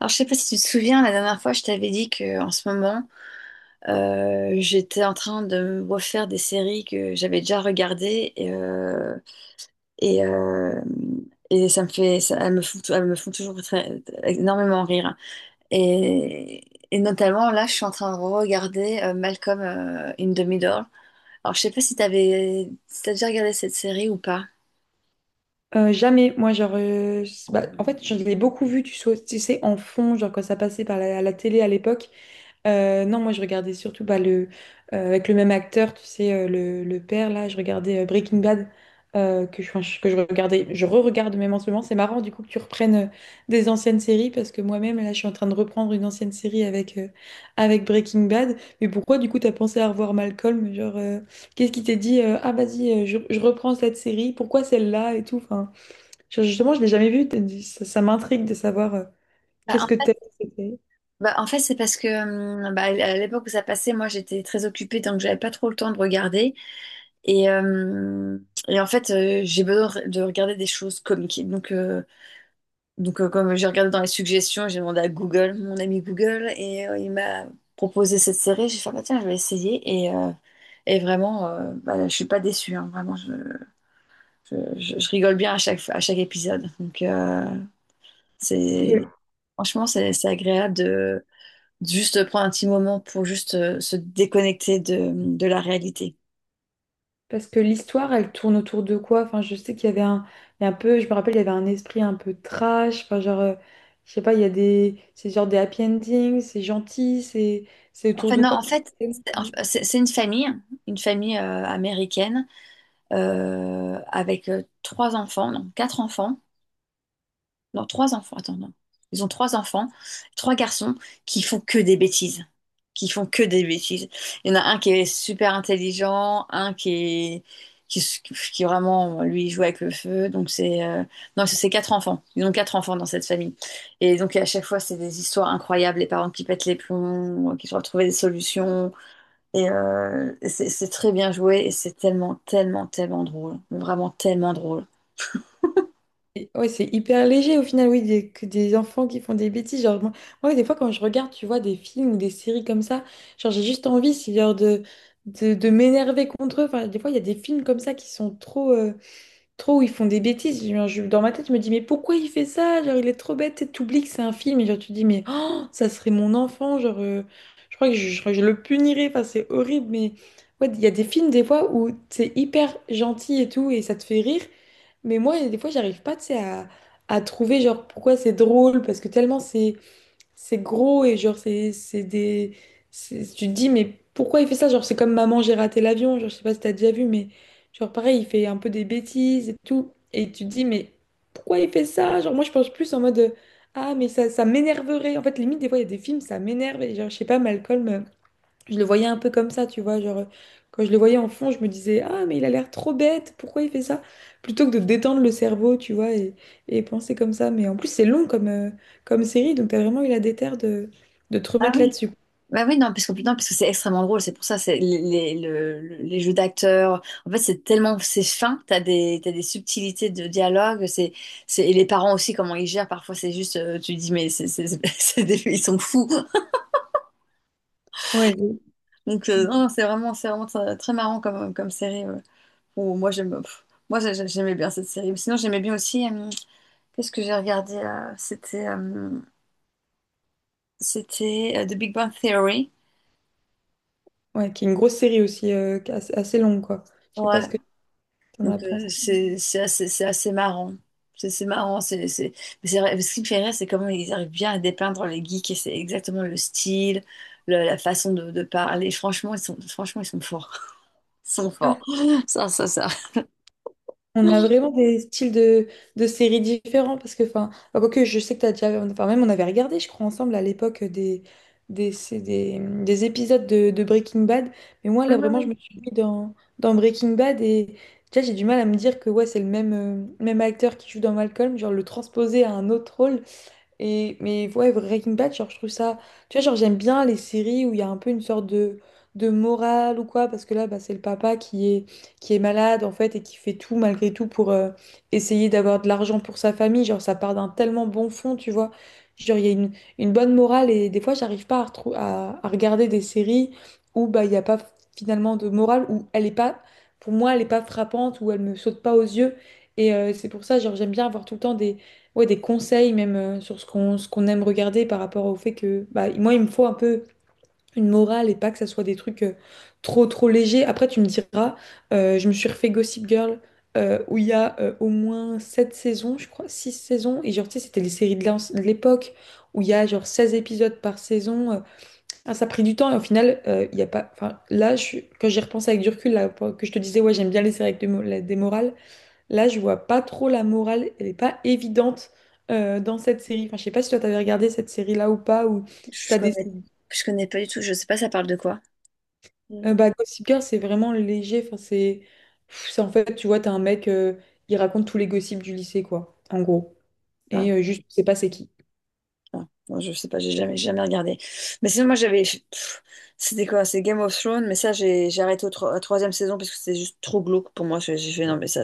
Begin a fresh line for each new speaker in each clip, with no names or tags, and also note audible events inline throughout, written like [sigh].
Alors, je sais pas si tu te souviens, la dernière fois, je t'avais dit que en ce moment, j'étais en train de me refaire des séries que j'avais déjà regardées et, euh, et ça me fait, elles me font, elles me font énormément rire. Et, et notamment, là, je suis en train de regarder Malcolm in the Middle. Alors, je sais pas si t'avais, si t'as déjà regardé cette série ou pas.
Jamais, moi, genre, bah, en fait, je l'ai beaucoup vu, tu sais, en fond, genre quand ça passait par la télé à l'époque. Non, moi, je regardais surtout bah, avec le même acteur, tu sais, le père, là, je regardais Breaking Bad, enfin, que je regardais, je re-regarde même en ce moment. C'est marrant, du coup, que tu reprennes des anciennes séries, parce que moi-même, là, je suis en train de reprendre une ancienne série avec Breaking Bad. Mais pourquoi, du coup, t'as pensé à revoir Malcolm? Genre, qu'est-ce qui t'a dit, ah, vas-y, je reprends cette série, pourquoi celle-là et tout, enfin. Justement, je l'ai jamais vu. Ça, ça m'intrigue de savoir
Bah,
qu'est-ce
en
que
fait,
t'aimes.
bah, en fait, c'est parce que bah, à l'époque où ça passait, moi j'étais très occupée donc j'avais pas trop le temps de regarder. Et, euh, et en fait, j'ai besoin de de regarder des choses comiques. Donc, comme j'ai regardé dans les suggestions, j'ai demandé à Google, mon ami Google, et il m'a proposé cette série. J'ai fait, bah, tiens, je vais essayer. Et vraiment, bah, je suis pas déçue, hein. Vraiment, je rigole bien à chaque épisode. Donc c'est,
Que-
franchement, c'est agréable de juste prendre un petit moment pour juste se déconnecter de la réalité.
Parce que l'histoire, elle tourne autour de quoi? Enfin, je sais qu'il y avait il y a un peu, je me rappelle, il y avait un esprit un peu trash. Enfin, genre, je sais pas, il y a des, c'est genre des happy endings, c'est gentil, c'est
En
autour
fait,
de
non,
quoi?
en fait, c'est une famille américaine avec trois enfants, non, quatre enfants, non, trois enfants, attends, non. Ils ont trois enfants, trois garçons qui font que des bêtises, qui font que des bêtises. Il y en a un qui est super intelligent, un qui est, qui, s- qui vraiment, lui, joue avec le feu. Donc non, c'est quatre enfants. Ils ont quatre enfants dans cette famille. Et donc, à chaque fois, c'est des histoires incroyables, les parents qui pètent les plombs, qui doivent trouver des solutions. Et c'est très bien joué et c'est tellement, tellement, tellement drôle. Vraiment tellement drôle.
Et ouais, c'est hyper léger au final, oui, que des enfants qui font des bêtises. Genre, moi, ouais, des fois, quand je regarde, tu vois, des films ou des séries comme ça, genre, j'ai juste envie, c'est genre de m'énerver contre eux. Enfin, des fois, il y a des films comme ça qui sont trop, trop où ils font des bêtises. Genre, dans ma tête, je me dis, mais pourquoi il fait ça? Genre, il est trop bête, et t'oublies que c'est un film. Et genre, tu te dis, mais oh, ça serait mon enfant. Genre, je crois que je crois que je le punirais. Enfin, c'est horrible, mais ouais, il y a des films, des fois, où c'est hyper gentil et tout, et ça te fait rire. Mais moi, il y a des fois, j'arrive pas, tu sais, à trouver, genre, pourquoi c'est drôle, parce que tellement c'est gros et, genre, tu te dis, mais pourquoi il fait ça? Genre, c'est comme Maman, j'ai raté l'avion, genre, je sais pas si t'as déjà vu, mais, genre, pareil, il fait un peu des bêtises et tout, et tu te dis, mais pourquoi il fait ça? Genre, moi, je pense plus en mode, ah, mais ça m'énerverait. En fait, limite, des fois, il y a des films, ça m'énerve, et genre, je sais pas, Malcolm, je le voyais un peu comme ça, tu vois, genre quand je le voyais en fond, je me disais, ah mais il a l'air trop bête, pourquoi il fait ça? Plutôt que de détendre le cerveau, tu vois, et penser comme ça. Mais en plus c'est long comme série, donc t'as vraiment eu la déterre de te
Ah
remettre
oui.
là-dessus.
Bah oui, non, parce que, non, parce que c'est extrêmement drôle, c'est pour ça, c'est les jeux d'acteurs, en fait, c'est tellement, c'est fin, t'as des subtilités de dialogue, c'est, et les parents aussi, comment ils gèrent, parfois, c'est juste, tu dis, mais c'est, [laughs] ils sont fous.
Ouais,
Donc non, c'est vraiment très, très marrant comme série, ouais. Ou moi, j'aime, pff, moi, j'aimais bien cette série. Sinon, j'aimais bien aussi, qu'est-ce que j'ai regardé, c'était The Big Bang Theory.
ouais, qui est une grosse série aussi, qui est assez longue, quoi. Je sais pas ce
Ouais,
que t'en as
donc
pensé.
euh, c'est assez marrant. C'est marrant, mais c'est vrai, ce qui me fait rire, c'est comment ils arrivent bien à dépeindre les geeks et c'est exactement le style, la façon de parler. Franchement, ils sont forts. [laughs] Ils sont forts. Ça, ça, ça.
On a vraiment des styles de séries différents parce que, enfin, quoique je sais que tu as déjà, enfin, même on avait regardé, je crois, ensemble à l'époque des épisodes de Breaking Bad. Mais moi,
Oui,
là,
oui,
vraiment, je me
oui.
suis mis dans Breaking Bad et déjà, j'ai du mal à me dire que ouais, c'est le même acteur qui joue dans Malcolm, genre le transposer à un autre rôle. Mais ouais, Breaking Bad, genre, je trouve ça. Tu vois, genre, j'aime bien les séries où il y a un peu une sorte de morale ou quoi, parce que là, bah, c'est le papa qui est malade, en fait, et qui fait tout, malgré tout, pour essayer d'avoir de l'argent pour sa famille. Genre, ça part d'un tellement bon fond, tu vois. Genre, il y a une bonne morale, et des fois, j'arrive pas à regarder des séries où bah, il n'y a pas finalement de morale, où elle est pas. Pour moi, elle est pas frappante, où elle me saute pas aux yeux. Et c'est pour ça, genre, j'aime bien avoir tout le temps des ouais, des conseils même sur ce qu'on aime regarder par rapport au fait que bah, moi il me faut un peu une morale et pas que ça soit des trucs trop trop légers. Après tu me diras, je me suis refait Gossip Girl, où il y a au moins 7 saisons, je crois, 6 saisons et genre tu sais c'était les séries de l'époque où il y a genre 16 épisodes par saison. Ah, ça a pris du temps et au final il y a pas enfin quand j'y repense avec du recul là, que je te disais ouais, j'aime bien les séries avec des morales. Là, je vois pas trop la morale, elle est pas évidente dans cette série. Enfin, je sais pas si toi t'avais regardé cette série-là ou pas, ou si
Je
t'as des...
connais, je connais pas du tout. Je sais pas, ça parle de quoi.
Bah, Gossip Girl, c'est vraiment léger. C'est en fait, tu vois, t'as un mec, il raconte tous les gossips du lycée, quoi, en gros.
Hmm.
Et juste, tu sais pas c'est qui.
Ah, non, je sais pas, j'ai jamais, jamais regardé. Mais sinon, moi, j'avais, pff, c'était quoi? C'est Game of Thrones, mais ça, j'ai arrêté au tro- à la troisième saison parce que c'était juste trop glauque pour moi. J'ai fait, non, mais ça,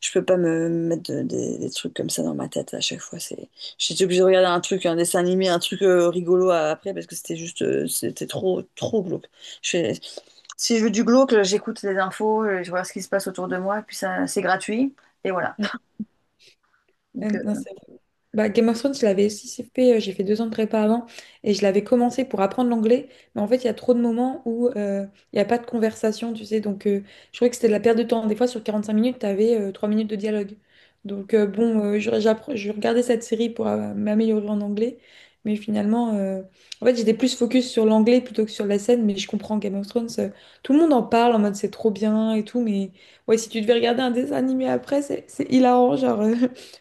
je peux pas me mettre des trucs comme ça dans ma tête à chaque fois. C'est, j'étais obligée de regarder un truc, un dessin animé, un truc rigolo après parce que c'était juste, c'était trop, trop glauque. Je fais- Si je veux du glauque, j'écoute les infos, je vois ce qui se passe autour de moi, puis ça, c'est gratuit, et voilà.
Mm. Non, c'est bah, Game of Thrones, je l'avais aussi fait, j'ai fait 2 ans de prépa avant et je l'avais commencé pour apprendre l'anglais, mais en fait, il y a trop de moments où il n'y a pas de conversation, tu sais, donc je trouvais que c'était de la perte de temps. Des fois, sur 45 minutes, tu avais 3 minutes de dialogue. Donc, bon, je regardais cette série pour m'améliorer en anglais, mais finalement, en fait, j'étais plus focus sur l'anglais plutôt que sur la scène, mais je comprends Game of Thrones, tout le monde en parle en mode c'est trop bien et tout, mais ouais, si tu devais regarder un dessin animé après, c'est hilarant, genre.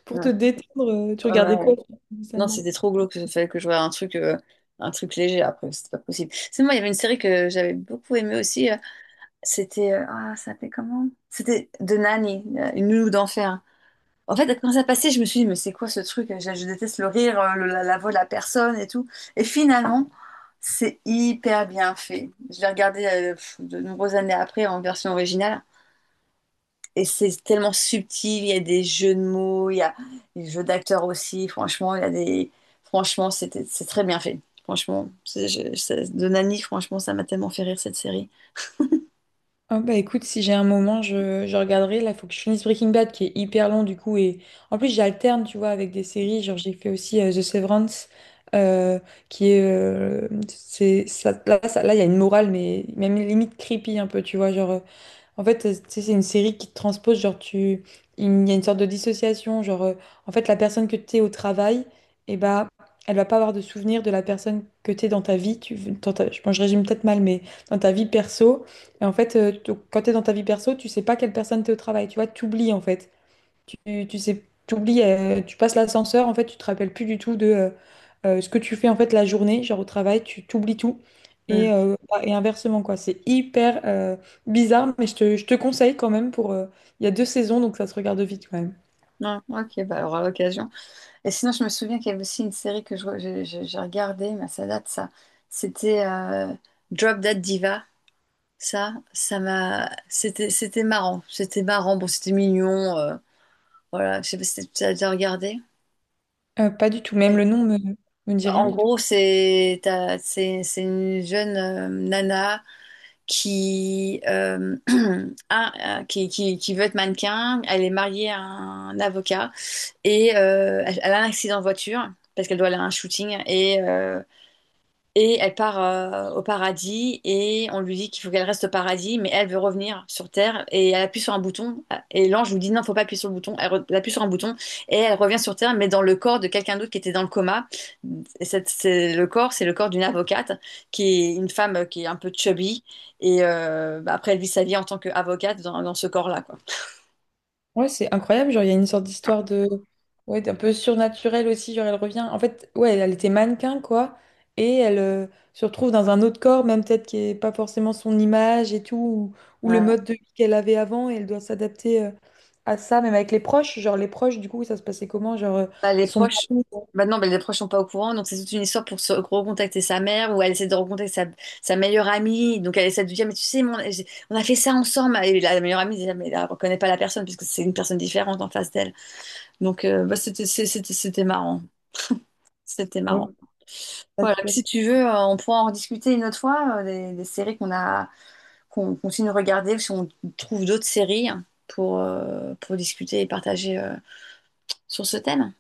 Pour te
Ouais,
détendre, tu
ah ouais,
regardais
ouais.
quoi comme dessin
Non,
animé?
c'était trop glauque. Il fallait que je voie un truc léger après. C'était pas possible. C'est moi, il y avait une série que j'avais beaucoup aimée aussi, C'était. Ah, ça s'appelait comment? C'était The Nanny, une nounou d'enfer. En fait, quand ça passait, je me suis dit, mais c'est quoi ce truc? Je déteste le rire, la, la voix de la personne et tout. Et finalement, c'est hyper bien fait. Je l'ai regardé pff, de nombreuses années après en version originale. Et c'est tellement subtil, il y a des jeux de mots, il y a des jeux d'acteurs aussi. Franchement, il y a des... Franchement, c'est très bien fait. Franchement, de Nani, franchement, ça m'a tellement fait rire cette série.
Oh bah écoute, si j'ai un moment, je regarderai. Là, il faut que je finisse Breaking Bad, qui est hyper long du coup. Et en plus, j'alterne, tu vois, avec des séries. Genre, j'ai fait aussi The Severance, euh, qui est... c'est, ça- là, il y a une morale, mais même limite creepy un peu, tu vois. En fait, tu sais, c'est une série qui te transpose, il y a une sorte de dissociation, en fait la personne que tu es au travail, et bah elle va pas avoir de souvenir de la personne que tu es dans ta vie, tu, dans ta- je, bon, je résume peut-être mal, mais dans ta vie perso, et en fait donc, quand tu es dans ta vie perso, tu sais pas quelle personne t'es au travail, tu vois, t'oublies en fait. Tu, Tu sais, tu oublies, tu passes l'ascenseur, en fait, tu te rappelles plus du tout de ce que tu fais en fait la journée, genre au travail, tu t'oublies tout.
Hmm.
Bah, et inversement, quoi. C'est hyper bizarre, mais je te conseille quand même pour. Il y a 2 saisons, donc ça se regarde vite quand même.
Non, ok, bah, on aura l'occasion. Et sinon, je me souviens qu'il y avait aussi une série que je, re- je- j'ai regardée, mais ça date, ça. C'était Drop Dead Diva. Ça m'a... C'était, c'était marrant. C'était marrant. Bon, c'était mignon, voilà, je sais pas si tu as déjà regardé.
Pas du tout, même le nom me dit rien
En
du tout.
gros, c'est t'as- c'est une jeune nana qui, [clears throat] qui veut être mannequin. Elle est mariée à un avocat et elle a un accident de voiture parce qu'elle doit aller à un shooting et elle part au paradis et on lui dit qu'il faut qu'elle reste au paradis, mais elle veut revenir sur Terre et elle appuie sur un bouton et l'ange lui dit non, faut pas appuyer sur le bouton. Elle appuie sur un bouton et elle revient sur Terre, mais dans le corps de quelqu'un d'autre qui était dans le coma. C'est le corps, c'est le corps d'une avocate qui est une femme qui est un peu chubby et bah, après elle vit sa vie en tant qu'avocate dans ce corps-là, quoi.
Ouais, c'est incroyable. Genre, il y a une sorte d'histoire de. Ouais, d'un peu surnaturel aussi. Genre, elle revient. En fait, ouais, elle était mannequin, quoi. Et elle se retrouve dans un autre corps, même peut-être qui est pas forcément son image et tout, ou le mode de vie qu'elle avait avant. Et elle doit s'adapter à ça, même avec les proches. Genre, les proches, du coup, ça se passait comment? Genre,
Bah, les
son
proches,
mari.
maintenant, les proches sont pas au courant, donc c'est toute une histoire pour se recontacter sa mère ou elle essaie de recontacter sa meilleure amie. Donc elle essaie de lui dire, mais tu sais, on a fait ça ensemble. Et la meilleure amie, déjà, mais elle reconnaît pas la personne puisque c'est une personne différente en face d'elle. Donc bah, c'était marrant. C'était
Ouais,
marrant.
parce
Voilà,
que-
donc si tu veux, on pourra en rediscuter une autre fois, des séries qu'on a, qu'on continue de regarder, ou si on trouve d'autres séries hein, pour discuter et partager sur ce thème.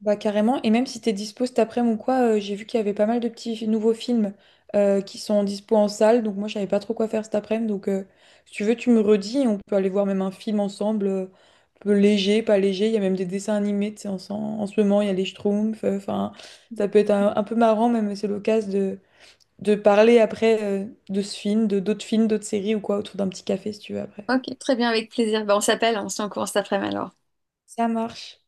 Bah, carrément, et même si t'es dispo cet après-midi ou quoi, j'ai vu qu'il y avait pas mal de petits nouveaux films qui sont en dispo en salle, donc moi je savais pas trop quoi faire cet après-midi, donc si tu veux tu me redis, et on peut aller voir même un film ensemble, peu léger, pas léger, il y a même des dessins animés, tu sais, en ce moment il y a les Schtroumpfs, enfin ça peut être un peu marrant même, c'est l'occasion de parler après de ce film, de d'autres films, d'autres séries ou quoi, autour d'un petit café si tu veux après.
Ok, très bien, avec plaisir. Ben, on s'appelle, on se tient au courant cet après-midi alors.
Ça marche.